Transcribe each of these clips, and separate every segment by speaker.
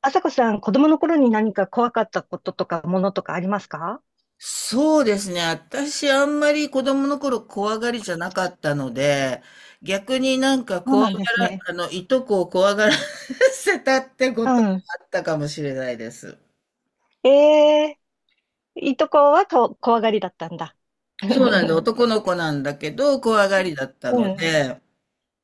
Speaker 1: あさこさん、子供の頃に何か怖かったこととか、ものとかありますか？
Speaker 2: そうですね。私、あんまり子供の頃怖がりじゃなかったので、逆になんか
Speaker 1: そう
Speaker 2: 怖が
Speaker 1: なんです
Speaker 2: ら、
Speaker 1: ね。
Speaker 2: あの、いとこを怖がら せたってこ
Speaker 1: う
Speaker 2: とが
Speaker 1: ん。
Speaker 2: あったかもしれないです。
Speaker 1: えいとこはこ怖がりだったんだ。
Speaker 2: そうなんです。男の子なんだけど、怖がりだった
Speaker 1: う
Speaker 2: の
Speaker 1: ん。
Speaker 2: で、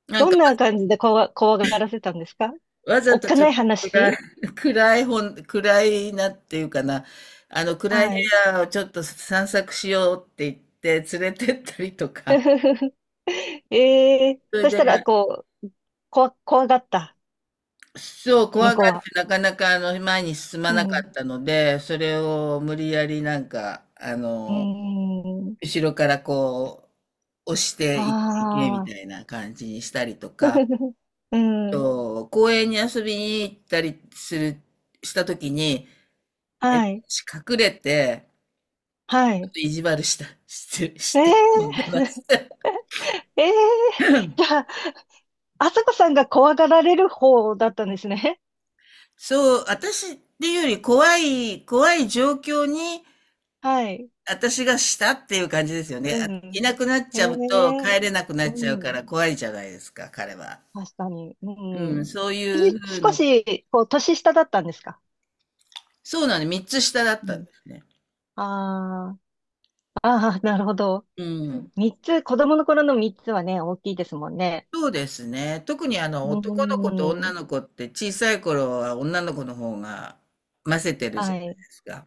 Speaker 2: なん
Speaker 1: ど
Speaker 2: か
Speaker 1: んな感じで怖がらせたんですか？
Speaker 2: わざ
Speaker 1: おっ
Speaker 2: と
Speaker 1: か
Speaker 2: ちょっ
Speaker 1: ない
Speaker 2: と暗い、
Speaker 1: 話。
Speaker 2: 暗い本、暗いなっていうかな、暗い部
Speaker 1: はい。
Speaker 2: 屋をちょっと散策しようって言って連れてったりとか、それ
Speaker 1: そし
Speaker 2: で、
Speaker 1: たら、こう、怖がった、
Speaker 2: そう、怖
Speaker 1: 向
Speaker 2: が
Speaker 1: こう
Speaker 2: っ
Speaker 1: は。
Speaker 2: てなかなか前に進ま
Speaker 1: う
Speaker 2: なか
Speaker 1: ん。う
Speaker 2: ったので、それを無理やりなんか、
Speaker 1: ーん。
Speaker 2: 後ろからこう、押し
Speaker 1: あ
Speaker 2: ていけ、いけみ
Speaker 1: あ。
Speaker 2: たいな感じにしたりとか、
Speaker 1: う
Speaker 2: あ
Speaker 1: ん。
Speaker 2: と、公園に遊びに行ったりする、したときに、
Speaker 1: はい。
Speaker 2: 隠れて、
Speaker 1: は
Speaker 2: ちょっ
Speaker 1: い。
Speaker 2: と意地悪した、して、し
Speaker 1: えー
Speaker 2: て飛んでました。
Speaker 1: ええ じゃあ、あさこさんが怖がられる方だったんですね。
Speaker 2: そう、私っていうより怖い、怖い状況に、
Speaker 1: はい。
Speaker 2: 私がしたっていう感じですよね。
Speaker 1: う
Speaker 2: い
Speaker 1: ん。
Speaker 2: なくなっ
Speaker 1: え
Speaker 2: ちゃうと
Speaker 1: え、
Speaker 2: 帰れなくな
Speaker 1: う
Speaker 2: っちゃうか
Speaker 1: ん。
Speaker 2: ら怖いじゃないですか、彼は。
Speaker 1: 確かに。う
Speaker 2: うん、
Speaker 1: ん。
Speaker 2: そう
Speaker 1: え
Speaker 2: いうふう
Speaker 1: 少
Speaker 2: な、
Speaker 1: し、こう、年下だったんですか？
Speaker 2: そうなの、3つ下だっ
Speaker 1: う
Speaker 2: たんで
Speaker 1: ん。
Speaker 2: すね。
Speaker 1: ああ、ああ、なるほど。
Speaker 2: うん。
Speaker 1: 三つ、子供の頃の三つはね、大きいですもんね。
Speaker 2: そうですね。特にあの
Speaker 1: う
Speaker 2: 男の子と女
Speaker 1: ん。
Speaker 2: の子って小さい頃は女の子の方が混ぜてるじゃ
Speaker 1: は
Speaker 2: ない
Speaker 1: い。
Speaker 2: ですか。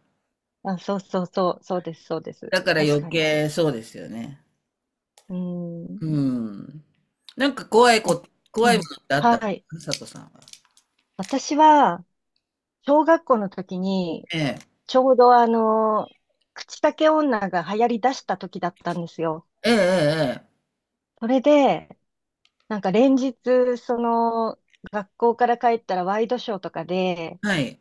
Speaker 1: あ、そうそうそう、そうです、そうです。
Speaker 2: だから
Speaker 1: 確
Speaker 2: 余
Speaker 1: かに。
Speaker 2: 計そうですよね。
Speaker 1: う
Speaker 2: う
Speaker 1: ん。
Speaker 2: ん。なんか怖いこ
Speaker 1: あ、
Speaker 2: とっ
Speaker 1: うん。
Speaker 2: てあったんで
Speaker 1: はい。
Speaker 2: すか佐藤さんは。
Speaker 1: 私は、小学校の時に、
Speaker 2: ええ。
Speaker 1: ちょうどあの、口裂け女が流行り出した時だったんですよ。
Speaker 2: えええええ
Speaker 1: それで、なんか連日、その、学校から帰ったらワイドショーとかで、
Speaker 2: え。はい。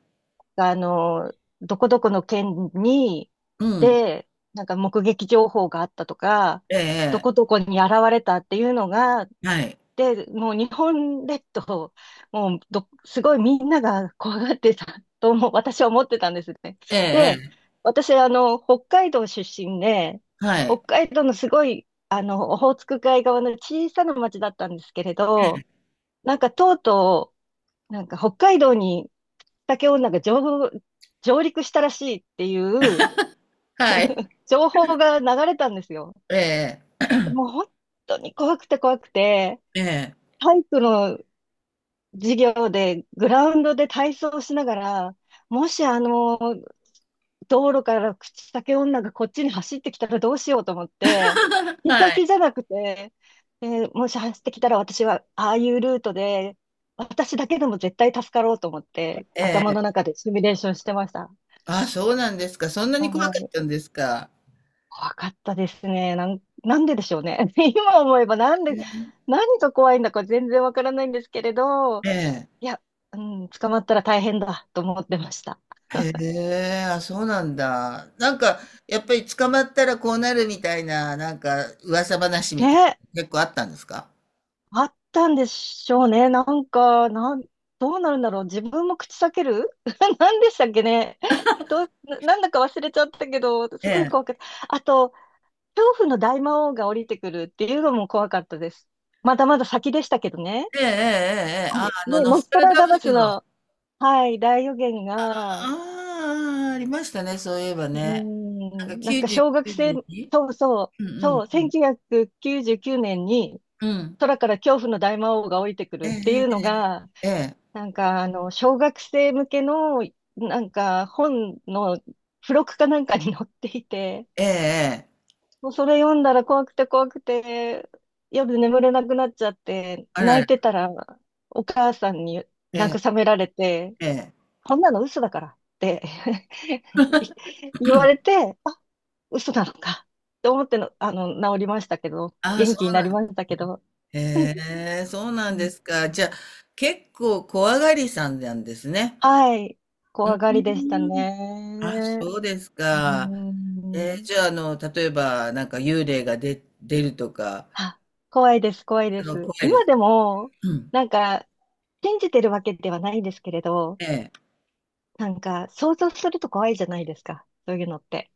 Speaker 1: あの、どこどこの県に、
Speaker 2: うん。
Speaker 1: で、なんか目撃情報があったとか、ど
Speaker 2: え
Speaker 1: こ
Speaker 2: え
Speaker 1: どこに現れたっていうのが、
Speaker 2: ええ。はい。
Speaker 1: で、もう日本列島、もうど、すごいみんなが怖がってたとも私は思ってたんですね。
Speaker 2: え
Speaker 1: で、
Speaker 2: ええ
Speaker 1: 私、あの、北海道出身で、
Speaker 2: え、は
Speaker 1: 北
Speaker 2: い。
Speaker 1: 海道のすごい、あの、オホーツク海側の小さな町だったんですけれど、なんかとうとう、なんか北海道に竹女が上陸したらしいっていう
Speaker 2: はい。
Speaker 1: 情報が流れたんですよ。
Speaker 2: ええ、
Speaker 1: もう本当に怖くて怖くて、
Speaker 2: ええ。
Speaker 1: 体育の授業でグラウンドで体操をしながら、もしあの、道路から口裂け女がこっちに走ってきたらどうしようと思って、見か
Speaker 2: は
Speaker 1: けじ
Speaker 2: い。
Speaker 1: ゃなくて、もし走ってきたら私はああいうルートで、私だけでも絶対助かろうと思って、
Speaker 2: え
Speaker 1: 頭の
Speaker 2: え。
Speaker 1: 中でシミュレーションしてました。
Speaker 2: あ、そうなんですか。そんなに怖か
Speaker 1: は
Speaker 2: っ
Speaker 1: い。
Speaker 2: たんですか。
Speaker 1: 怖かったですね。なんででしょうね。今思えばなんで、
Speaker 2: え
Speaker 1: 何が怖いんだか全然わからないんですけれど、
Speaker 2: え。
Speaker 1: いや、うん、捕まったら大変だと思ってました。
Speaker 2: へえ、あ、そうなんだ。なんか、やっぱり捕まったらこうなるみたいな、なんか、噂話みたい
Speaker 1: ね、
Speaker 2: な、結構あったんですか。
Speaker 1: あったんでしょうね。なんか、どうなるんだろう。自分も口裂ける 何でしたっけね。どう、ななんだか忘れちゃったけど、
Speaker 2: え
Speaker 1: すごい怖
Speaker 2: え。
Speaker 1: かった。あと、恐怖の大魔王が降りてくるっていうのも怖かったです。まだまだ先でしたけどね。
Speaker 2: ええ、ええ、ええ。
Speaker 1: あ
Speaker 2: あ、
Speaker 1: れ、ね、
Speaker 2: ノ
Speaker 1: ノ
Speaker 2: ス
Speaker 1: ス
Speaker 2: ト
Speaker 1: ト
Speaker 2: ラ
Speaker 1: ラ
Speaker 2: ダ
Speaker 1: ダ
Speaker 2: ム
Speaker 1: バ
Speaker 2: ス
Speaker 1: ス
Speaker 2: の、あ
Speaker 1: の、はい、大予言が、う
Speaker 2: あ、ありましたね、そういえば
Speaker 1: ー
Speaker 2: ね。なんか
Speaker 1: ん、なんか
Speaker 2: 99
Speaker 1: 小学生、
Speaker 2: 年に。
Speaker 1: そうそう、
Speaker 2: うんうん
Speaker 1: そう、
Speaker 2: うん。
Speaker 1: 1999年に、
Speaker 2: うん。
Speaker 1: 空から恐怖の大魔王が降りてく
Speaker 2: え
Speaker 1: るってい
Speaker 2: え、ええ、
Speaker 1: うのが、
Speaker 2: ええ。ええ
Speaker 1: なんかあの、小学生向けの、なんか本の付録かなんかに載っていて、
Speaker 2: ええええ。
Speaker 1: もうそれ読んだら怖くて怖くて、夜眠れなくなっちゃって、
Speaker 2: あら
Speaker 1: 泣い
Speaker 2: ら。
Speaker 1: てたらお母さんに
Speaker 2: え
Speaker 1: 慰
Speaker 2: え、
Speaker 1: められて、
Speaker 2: ええ。
Speaker 1: こんなの嘘だからって い言われて、あ、嘘なのか、と思っての、あの、治りましたけど、
Speaker 2: ああ、
Speaker 1: 元
Speaker 2: そ
Speaker 1: 気に
Speaker 2: う
Speaker 1: な
Speaker 2: な
Speaker 1: り
Speaker 2: ん
Speaker 1: ました
Speaker 2: で
Speaker 1: け
Speaker 2: すね。
Speaker 1: ど。うん、
Speaker 2: へえ、そうなんですか。じゃあ、結構怖がりさんなんですね。
Speaker 1: はい。
Speaker 2: うー
Speaker 1: 怖がりでした
Speaker 2: ん。あ、
Speaker 1: ね。
Speaker 2: そうです
Speaker 1: う
Speaker 2: か。えー、
Speaker 1: ん。
Speaker 2: じゃあ、例えば、なんか幽霊がで出るとか、
Speaker 1: あ、怖いです、怖いで
Speaker 2: 怖
Speaker 1: す。
Speaker 2: いで
Speaker 1: 今
Speaker 2: す。
Speaker 1: でも、
Speaker 2: うん。
Speaker 1: なんか、信じてるわけではないんですけれど、
Speaker 2: ええ。
Speaker 1: なんか、想像すると怖いじゃないですか、そういうのって。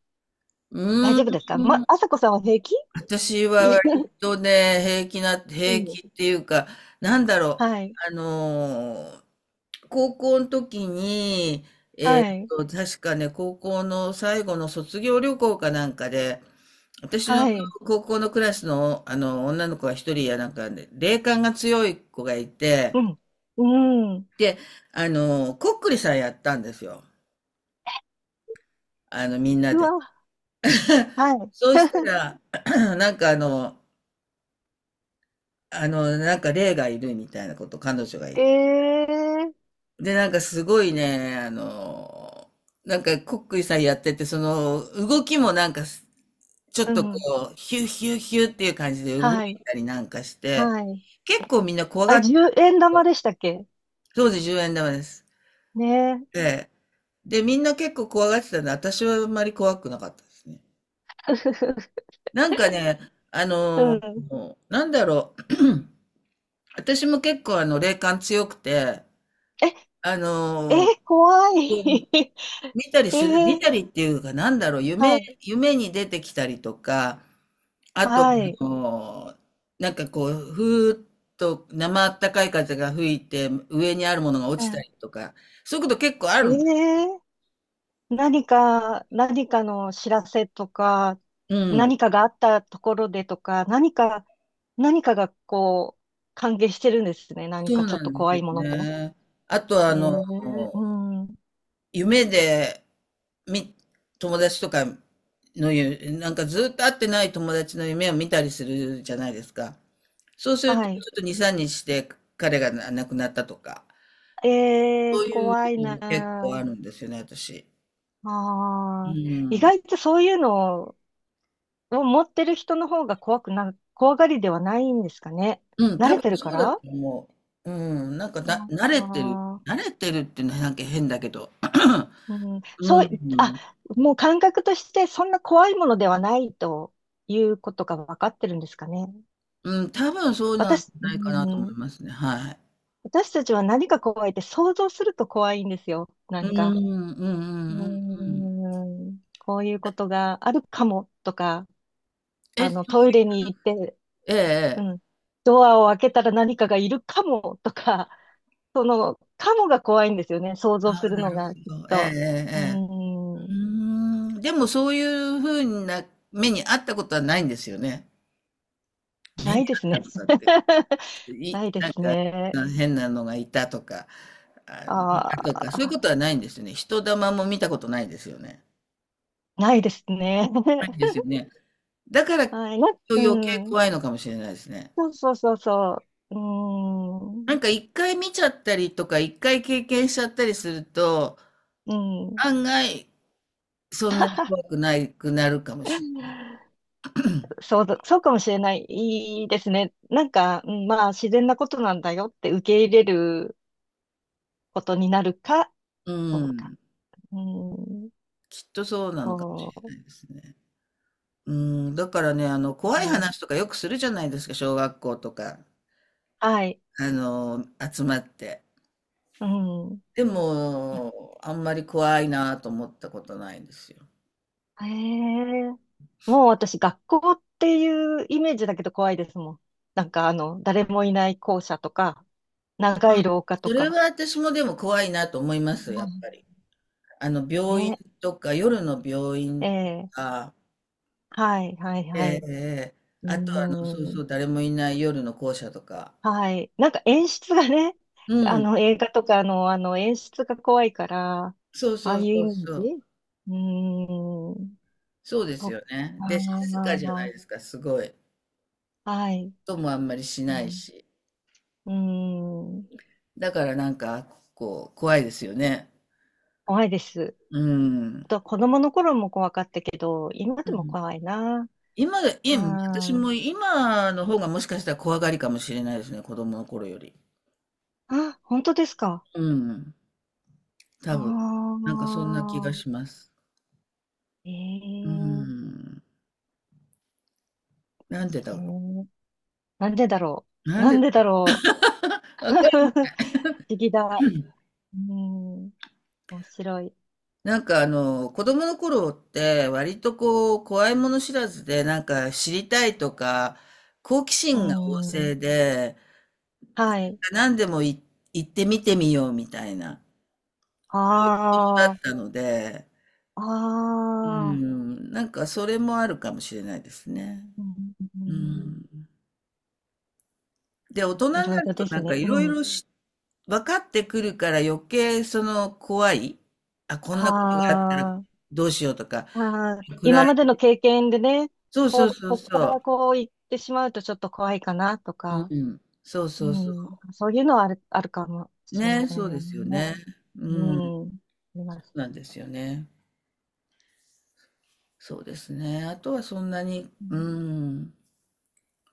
Speaker 2: う
Speaker 1: 大
Speaker 2: ー
Speaker 1: 丈夫ですか？ま、あ
Speaker 2: ん。
Speaker 1: さこさんは平気？
Speaker 2: 私は
Speaker 1: いや、
Speaker 2: 割とね、
Speaker 1: う
Speaker 2: 平
Speaker 1: ん。
Speaker 2: 気っていうか、なんだろう。
Speaker 1: はい。
Speaker 2: あのー高校の時に、
Speaker 1: はい。
Speaker 2: 確かね、高校の最後の卒業旅行かなんかで、私の
Speaker 1: はい。
Speaker 2: 高校のクラスの、あの女の子が一人やなんかで霊感が強い子がいて、
Speaker 1: うん。うん。
Speaker 2: で、こっくりさんやったんですよ。あの、みんな
Speaker 1: う
Speaker 2: で。
Speaker 1: わ。は
Speaker 2: そうしたら、なんかあの、なんか霊がいるみたいなこと、彼女が言っ
Speaker 1: い。
Speaker 2: て。
Speaker 1: ええー、
Speaker 2: で、なんかすごいね、なんか、こっくりさんやってて、その、動きもなんか、ちょっ
Speaker 1: う
Speaker 2: と
Speaker 1: ん。
Speaker 2: こう、ヒューヒューヒューっていう感じで動い
Speaker 1: はい。
Speaker 2: たりなんかして、
Speaker 1: はい。
Speaker 2: 結構みんな怖
Speaker 1: あ
Speaker 2: が
Speaker 1: れ、
Speaker 2: って、
Speaker 1: 10円玉でしたっけ？
Speaker 2: 当時10円玉です。
Speaker 1: ねえ。
Speaker 2: で、で、みんな結構怖がってたんで、私はあんまり怖くなかったですね。なんかね、あ
Speaker 1: う
Speaker 2: の
Speaker 1: ん。
Speaker 2: なんだろう、私も結構霊感強くて、
Speaker 1: え、
Speaker 2: あ
Speaker 1: え、
Speaker 2: のー
Speaker 1: 怖い。
Speaker 2: うん、
Speaker 1: え
Speaker 2: 見
Speaker 1: ー、
Speaker 2: たりっていうか、なんだろう、
Speaker 1: はい、
Speaker 2: 夢に出てきたりとか、あと、
Speaker 1: はい。
Speaker 2: なんかこう、ふーっと生あったかい風が吹いて、上にあるものが落ちた
Speaker 1: う
Speaker 2: りとか、そういうこと結構あ
Speaker 1: ん、
Speaker 2: るんです。
Speaker 1: えー、何か、何かの知らせとか、
Speaker 2: うん。
Speaker 1: 何かがあったところでとか、何か、何かがこう、関係してるんですね、何
Speaker 2: そ
Speaker 1: か
Speaker 2: う
Speaker 1: ちょ
Speaker 2: な
Speaker 1: っと
Speaker 2: んです
Speaker 1: 怖
Speaker 2: よ
Speaker 1: いものと。
Speaker 2: ね。あと、
Speaker 1: えー、うん、
Speaker 2: 夢で、み、友達とかの夢、なんかずっと会ってない友達の夢を見たりするじゃないですか。そうすると、
Speaker 1: は
Speaker 2: ちょ
Speaker 1: い。
Speaker 2: っと2、3日して彼が亡くなったとか、
Speaker 1: え
Speaker 2: そう
Speaker 1: ー、
Speaker 2: いう
Speaker 1: 怖い
Speaker 2: の
Speaker 1: な
Speaker 2: も結構あ
Speaker 1: あ。
Speaker 2: るんですよね、私。う
Speaker 1: ああ、意
Speaker 2: ん。
Speaker 1: 外とそういうのを持ってる人の方が怖くな、怖がりではないんですかね。
Speaker 2: うん、
Speaker 1: 慣
Speaker 2: 多
Speaker 1: れて
Speaker 2: 分
Speaker 1: るか
Speaker 2: そうだと
Speaker 1: ら。
Speaker 2: 思う。うん、なんかだ、慣れ
Speaker 1: あ
Speaker 2: てる、
Speaker 1: ー、
Speaker 2: 慣れてるってなんか変だけど、
Speaker 1: うん、
Speaker 2: う
Speaker 1: そう、あ、
Speaker 2: ん、
Speaker 1: もう感覚としてそんな怖いものではないということが分かってるんですかね。
Speaker 2: うん、多分そうなんじ
Speaker 1: 私、
Speaker 2: ゃ
Speaker 1: う
Speaker 2: ないかなと思い
Speaker 1: ん、
Speaker 2: ますね、はい。
Speaker 1: 私たちは何が怖いって想像すると怖いんですよ。な
Speaker 2: うん、う
Speaker 1: んか、
Speaker 2: ん、うん、
Speaker 1: う
Speaker 2: うん、うん。
Speaker 1: ん、こういうことがあるかもとか、
Speaker 2: え、
Speaker 1: あの、ト
Speaker 2: そう
Speaker 1: イ
Speaker 2: い
Speaker 1: レに行って、
Speaker 2: ええ、
Speaker 1: う
Speaker 2: ええ。
Speaker 1: ん、ドアを開けたら何かがいるかもとか、その、カモが怖いんですよね、想像
Speaker 2: あ
Speaker 1: す
Speaker 2: あ、
Speaker 1: る
Speaker 2: な
Speaker 1: の
Speaker 2: る
Speaker 1: が、きっ
Speaker 2: ほど。ええ、え
Speaker 1: と。う
Speaker 2: え、ええ。
Speaker 1: ー
Speaker 2: うー
Speaker 1: ん。
Speaker 2: ん、でもそういう風な目にあったことはないんですよね。目
Speaker 1: な
Speaker 2: に
Speaker 1: いで
Speaker 2: あ
Speaker 1: す
Speaker 2: った
Speaker 1: ね。
Speaker 2: ことって、
Speaker 1: ないで
Speaker 2: なん
Speaker 1: す
Speaker 2: か
Speaker 1: ね。
Speaker 2: 変なのがいたとか、あ、見た
Speaker 1: あ
Speaker 2: とか、そういうこ
Speaker 1: あ、
Speaker 2: とはないんですよね。人玉も見たことないですよね。
Speaker 1: ないですね。
Speaker 2: ないんです よね。だから、きっ
Speaker 1: はい。な、
Speaker 2: と
Speaker 1: う
Speaker 2: 余計
Speaker 1: ん。
Speaker 2: 怖いのかもしれないですね。
Speaker 1: そうそうそうそう。うー
Speaker 2: なん
Speaker 1: ん。
Speaker 2: か1回見ちゃったりとか、1回経験しちゃったりすると、
Speaker 1: うん。
Speaker 2: 案外そんなに怖くないくなるかもしれない
Speaker 1: そうだ、そうかもしれない。いいですね。なんか、うん、まあ、自然なことなんだよって受け入れることになるか
Speaker 2: う
Speaker 1: どうか。
Speaker 2: ん、
Speaker 1: うん。
Speaker 2: きっとそうなのかもし
Speaker 1: そ
Speaker 2: れないですね。うん、だからね、
Speaker 1: う。
Speaker 2: 怖
Speaker 1: う
Speaker 2: い
Speaker 1: ん、
Speaker 2: 話とかよくするじゃないですか、小学校とか、
Speaker 1: はい。
Speaker 2: あの、集まって。
Speaker 1: うん。
Speaker 2: でも、あんまり怖いなと思ったことないんですよ。
Speaker 1: へえ。もう私、学校っていうイメージだけど怖いですもん。なんかあの、誰もいない校舎とか、長い廊下と
Speaker 2: それ
Speaker 1: か。
Speaker 2: は私もでも怖いなと思います、や
Speaker 1: う
Speaker 2: っぱ
Speaker 1: ん、
Speaker 2: り。病院
Speaker 1: ね。
Speaker 2: とか、夜の病院
Speaker 1: え
Speaker 2: と
Speaker 1: え、
Speaker 2: か、
Speaker 1: はい、はい、
Speaker 2: え
Speaker 1: は
Speaker 2: え
Speaker 1: い。
Speaker 2: ええ、
Speaker 1: う
Speaker 2: あとそう
Speaker 1: ー
Speaker 2: そ
Speaker 1: ん。
Speaker 2: う、誰もいない夜の校舎とか。
Speaker 1: はい。なんか演出がね、
Speaker 2: う
Speaker 1: あ
Speaker 2: ん、
Speaker 1: の、映画とかの、あの、演出が怖いから、あ
Speaker 2: そうそ
Speaker 1: あいう
Speaker 2: うそ
Speaker 1: イ
Speaker 2: う
Speaker 1: メー
Speaker 2: そ
Speaker 1: ジ。
Speaker 2: う。
Speaker 1: うーん。
Speaker 2: そうで
Speaker 1: そ
Speaker 2: す
Speaker 1: っ
Speaker 2: よね。で、静かじゃない
Speaker 1: か。
Speaker 2: ですか、すごい。
Speaker 1: はい。
Speaker 2: 音もあんまりし
Speaker 1: う
Speaker 2: ない
Speaker 1: ん。
Speaker 2: し。
Speaker 1: うーん。
Speaker 2: だからなんか、こう、怖いですよね。
Speaker 1: 怖いです。
Speaker 2: うん。
Speaker 1: と子供の頃も怖かったけど、今
Speaker 2: う
Speaker 1: でも
Speaker 2: ん。
Speaker 1: 怖いな。
Speaker 2: 今が、
Speaker 1: う
Speaker 2: い私も
Speaker 1: ん。
Speaker 2: 今の方がもしかしたら怖がりかもしれないですね、子供の頃より。
Speaker 1: あ、本当ですか？
Speaker 2: うん、
Speaker 1: あ
Speaker 2: 多分。なんかそんな気が
Speaker 1: あ、
Speaker 2: します。
Speaker 1: え
Speaker 2: うー
Speaker 1: ー、
Speaker 2: ん。なんでだ
Speaker 1: え
Speaker 2: ろ
Speaker 1: ー、なんでだろ
Speaker 2: う。
Speaker 1: う。
Speaker 2: なん
Speaker 1: なん
Speaker 2: で、
Speaker 1: でだろう。
Speaker 2: わかる。
Speaker 1: 不思議だ。うん、面白い。
Speaker 2: 子供の頃って割とこう、怖いもの知らずで、なんか知りたいとか、好奇
Speaker 1: う
Speaker 2: 心が旺盛
Speaker 1: ん、
Speaker 2: で、
Speaker 1: はい。
Speaker 2: 何でもい行ってみてみようみたいな、そういう子供だっ
Speaker 1: ああ、
Speaker 2: たので、
Speaker 1: あ
Speaker 2: う
Speaker 1: あ、
Speaker 2: ん、なんかそれもあるかもしれないですね。
Speaker 1: うん、う
Speaker 2: う
Speaker 1: ん、
Speaker 2: ん。で、大人に
Speaker 1: い
Speaker 2: な
Speaker 1: ろいろ
Speaker 2: ると
Speaker 1: です
Speaker 2: なんか
Speaker 1: ね。
Speaker 2: い
Speaker 1: う
Speaker 2: ろい
Speaker 1: ん。
Speaker 2: ろし分かってくるから余計その怖い。あ、こん
Speaker 1: は
Speaker 2: なことがあったら
Speaker 1: あ。
Speaker 2: どうしようとか、
Speaker 1: ああ、今
Speaker 2: 暗い。
Speaker 1: までの経験でね、
Speaker 2: そうそ
Speaker 1: こ
Speaker 2: う
Speaker 1: う、
Speaker 2: そう
Speaker 1: こっ
Speaker 2: そ
Speaker 1: から
Speaker 2: う。
Speaker 1: こう行ってしまうとちょっと怖いかなと
Speaker 2: う
Speaker 1: か、
Speaker 2: ん。そう
Speaker 1: う
Speaker 2: そうそ
Speaker 1: ん、そういうのはある、あるかも
Speaker 2: う。
Speaker 1: しれま
Speaker 2: ね、
Speaker 1: せ
Speaker 2: そ
Speaker 1: ん
Speaker 2: う
Speaker 1: ね。
Speaker 2: ですよね。う
Speaker 1: う
Speaker 2: ん。
Speaker 1: ん、あります。
Speaker 2: なんですよね。そうですね。あとはそんなに、
Speaker 1: う
Speaker 2: う
Speaker 1: ん、
Speaker 2: ん。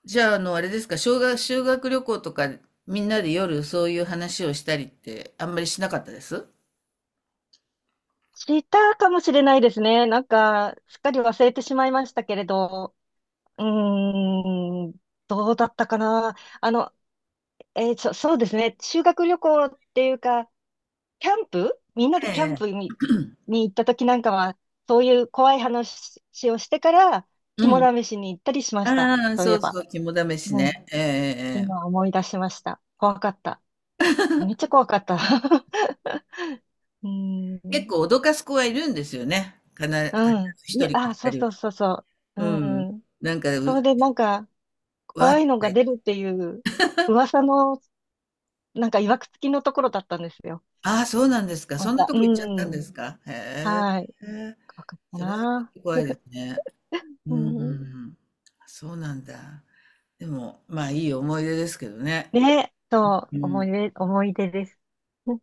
Speaker 2: じゃあ、あれですか、修学旅行とか、みんなで夜そういう話をしたりって、あんまりしなかったです
Speaker 1: したかもしれないですね。なんか、すっかり忘れてしまいましたけれど、うーん、どうだったかな。あの、えー、そうですね。修学旅行っていうか、キャンプ、みんなで
Speaker 2: え
Speaker 1: キャン
Speaker 2: え。
Speaker 1: プに、に行った時なんかは、そういう怖い話をしてから、
Speaker 2: う
Speaker 1: 肝
Speaker 2: ん。
Speaker 1: 試しに行ったりしました、
Speaker 2: ああ、
Speaker 1: そうい
Speaker 2: そ
Speaker 1: え
Speaker 2: う
Speaker 1: ば。
Speaker 2: そう、肝試し
Speaker 1: う
Speaker 2: ね。
Speaker 1: ん。
Speaker 2: ええええ。ええ。
Speaker 1: 今思い出しました。怖かった。めっちゃ怖かった。うー
Speaker 2: 結
Speaker 1: ん。
Speaker 2: 構脅かす子はいるんですよね。かな、必ず
Speaker 1: うん。
Speaker 2: 一
Speaker 1: いや、
Speaker 2: 人か
Speaker 1: あ、そ
Speaker 2: 二
Speaker 1: う
Speaker 2: 人
Speaker 1: そう
Speaker 2: は。
Speaker 1: そうそう。
Speaker 2: うん。
Speaker 1: うん。
Speaker 2: なんか、
Speaker 1: そ
Speaker 2: う、
Speaker 1: れでなんか、
Speaker 2: わーっ
Speaker 1: 怖
Speaker 2: て
Speaker 1: いの
Speaker 2: 書
Speaker 1: が
Speaker 2: い
Speaker 1: 出
Speaker 2: て。
Speaker 1: るっていう、噂の、なんか、いわくつきのところだったんですよ。
Speaker 2: ああ、そうなんですか。
Speaker 1: ま
Speaker 2: そんな
Speaker 1: た。
Speaker 2: と
Speaker 1: う
Speaker 2: こ行っちゃったんで
Speaker 1: ん。
Speaker 2: すか。へえ。
Speaker 1: はい。怖かった
Speaker 2: それはちょっ
Speaker 1: な。
Speaker 2: と怖いですね。う
Speaker 1: うん。
Speaker 2: ん。そうなんだ。でも、まあいい思い出ですけどね。
Speaker 1: ね、そう、
Speaker 2: う
Speaker 1: 思
Speaker 2: ん。
Speaker 1: い出、思い出です。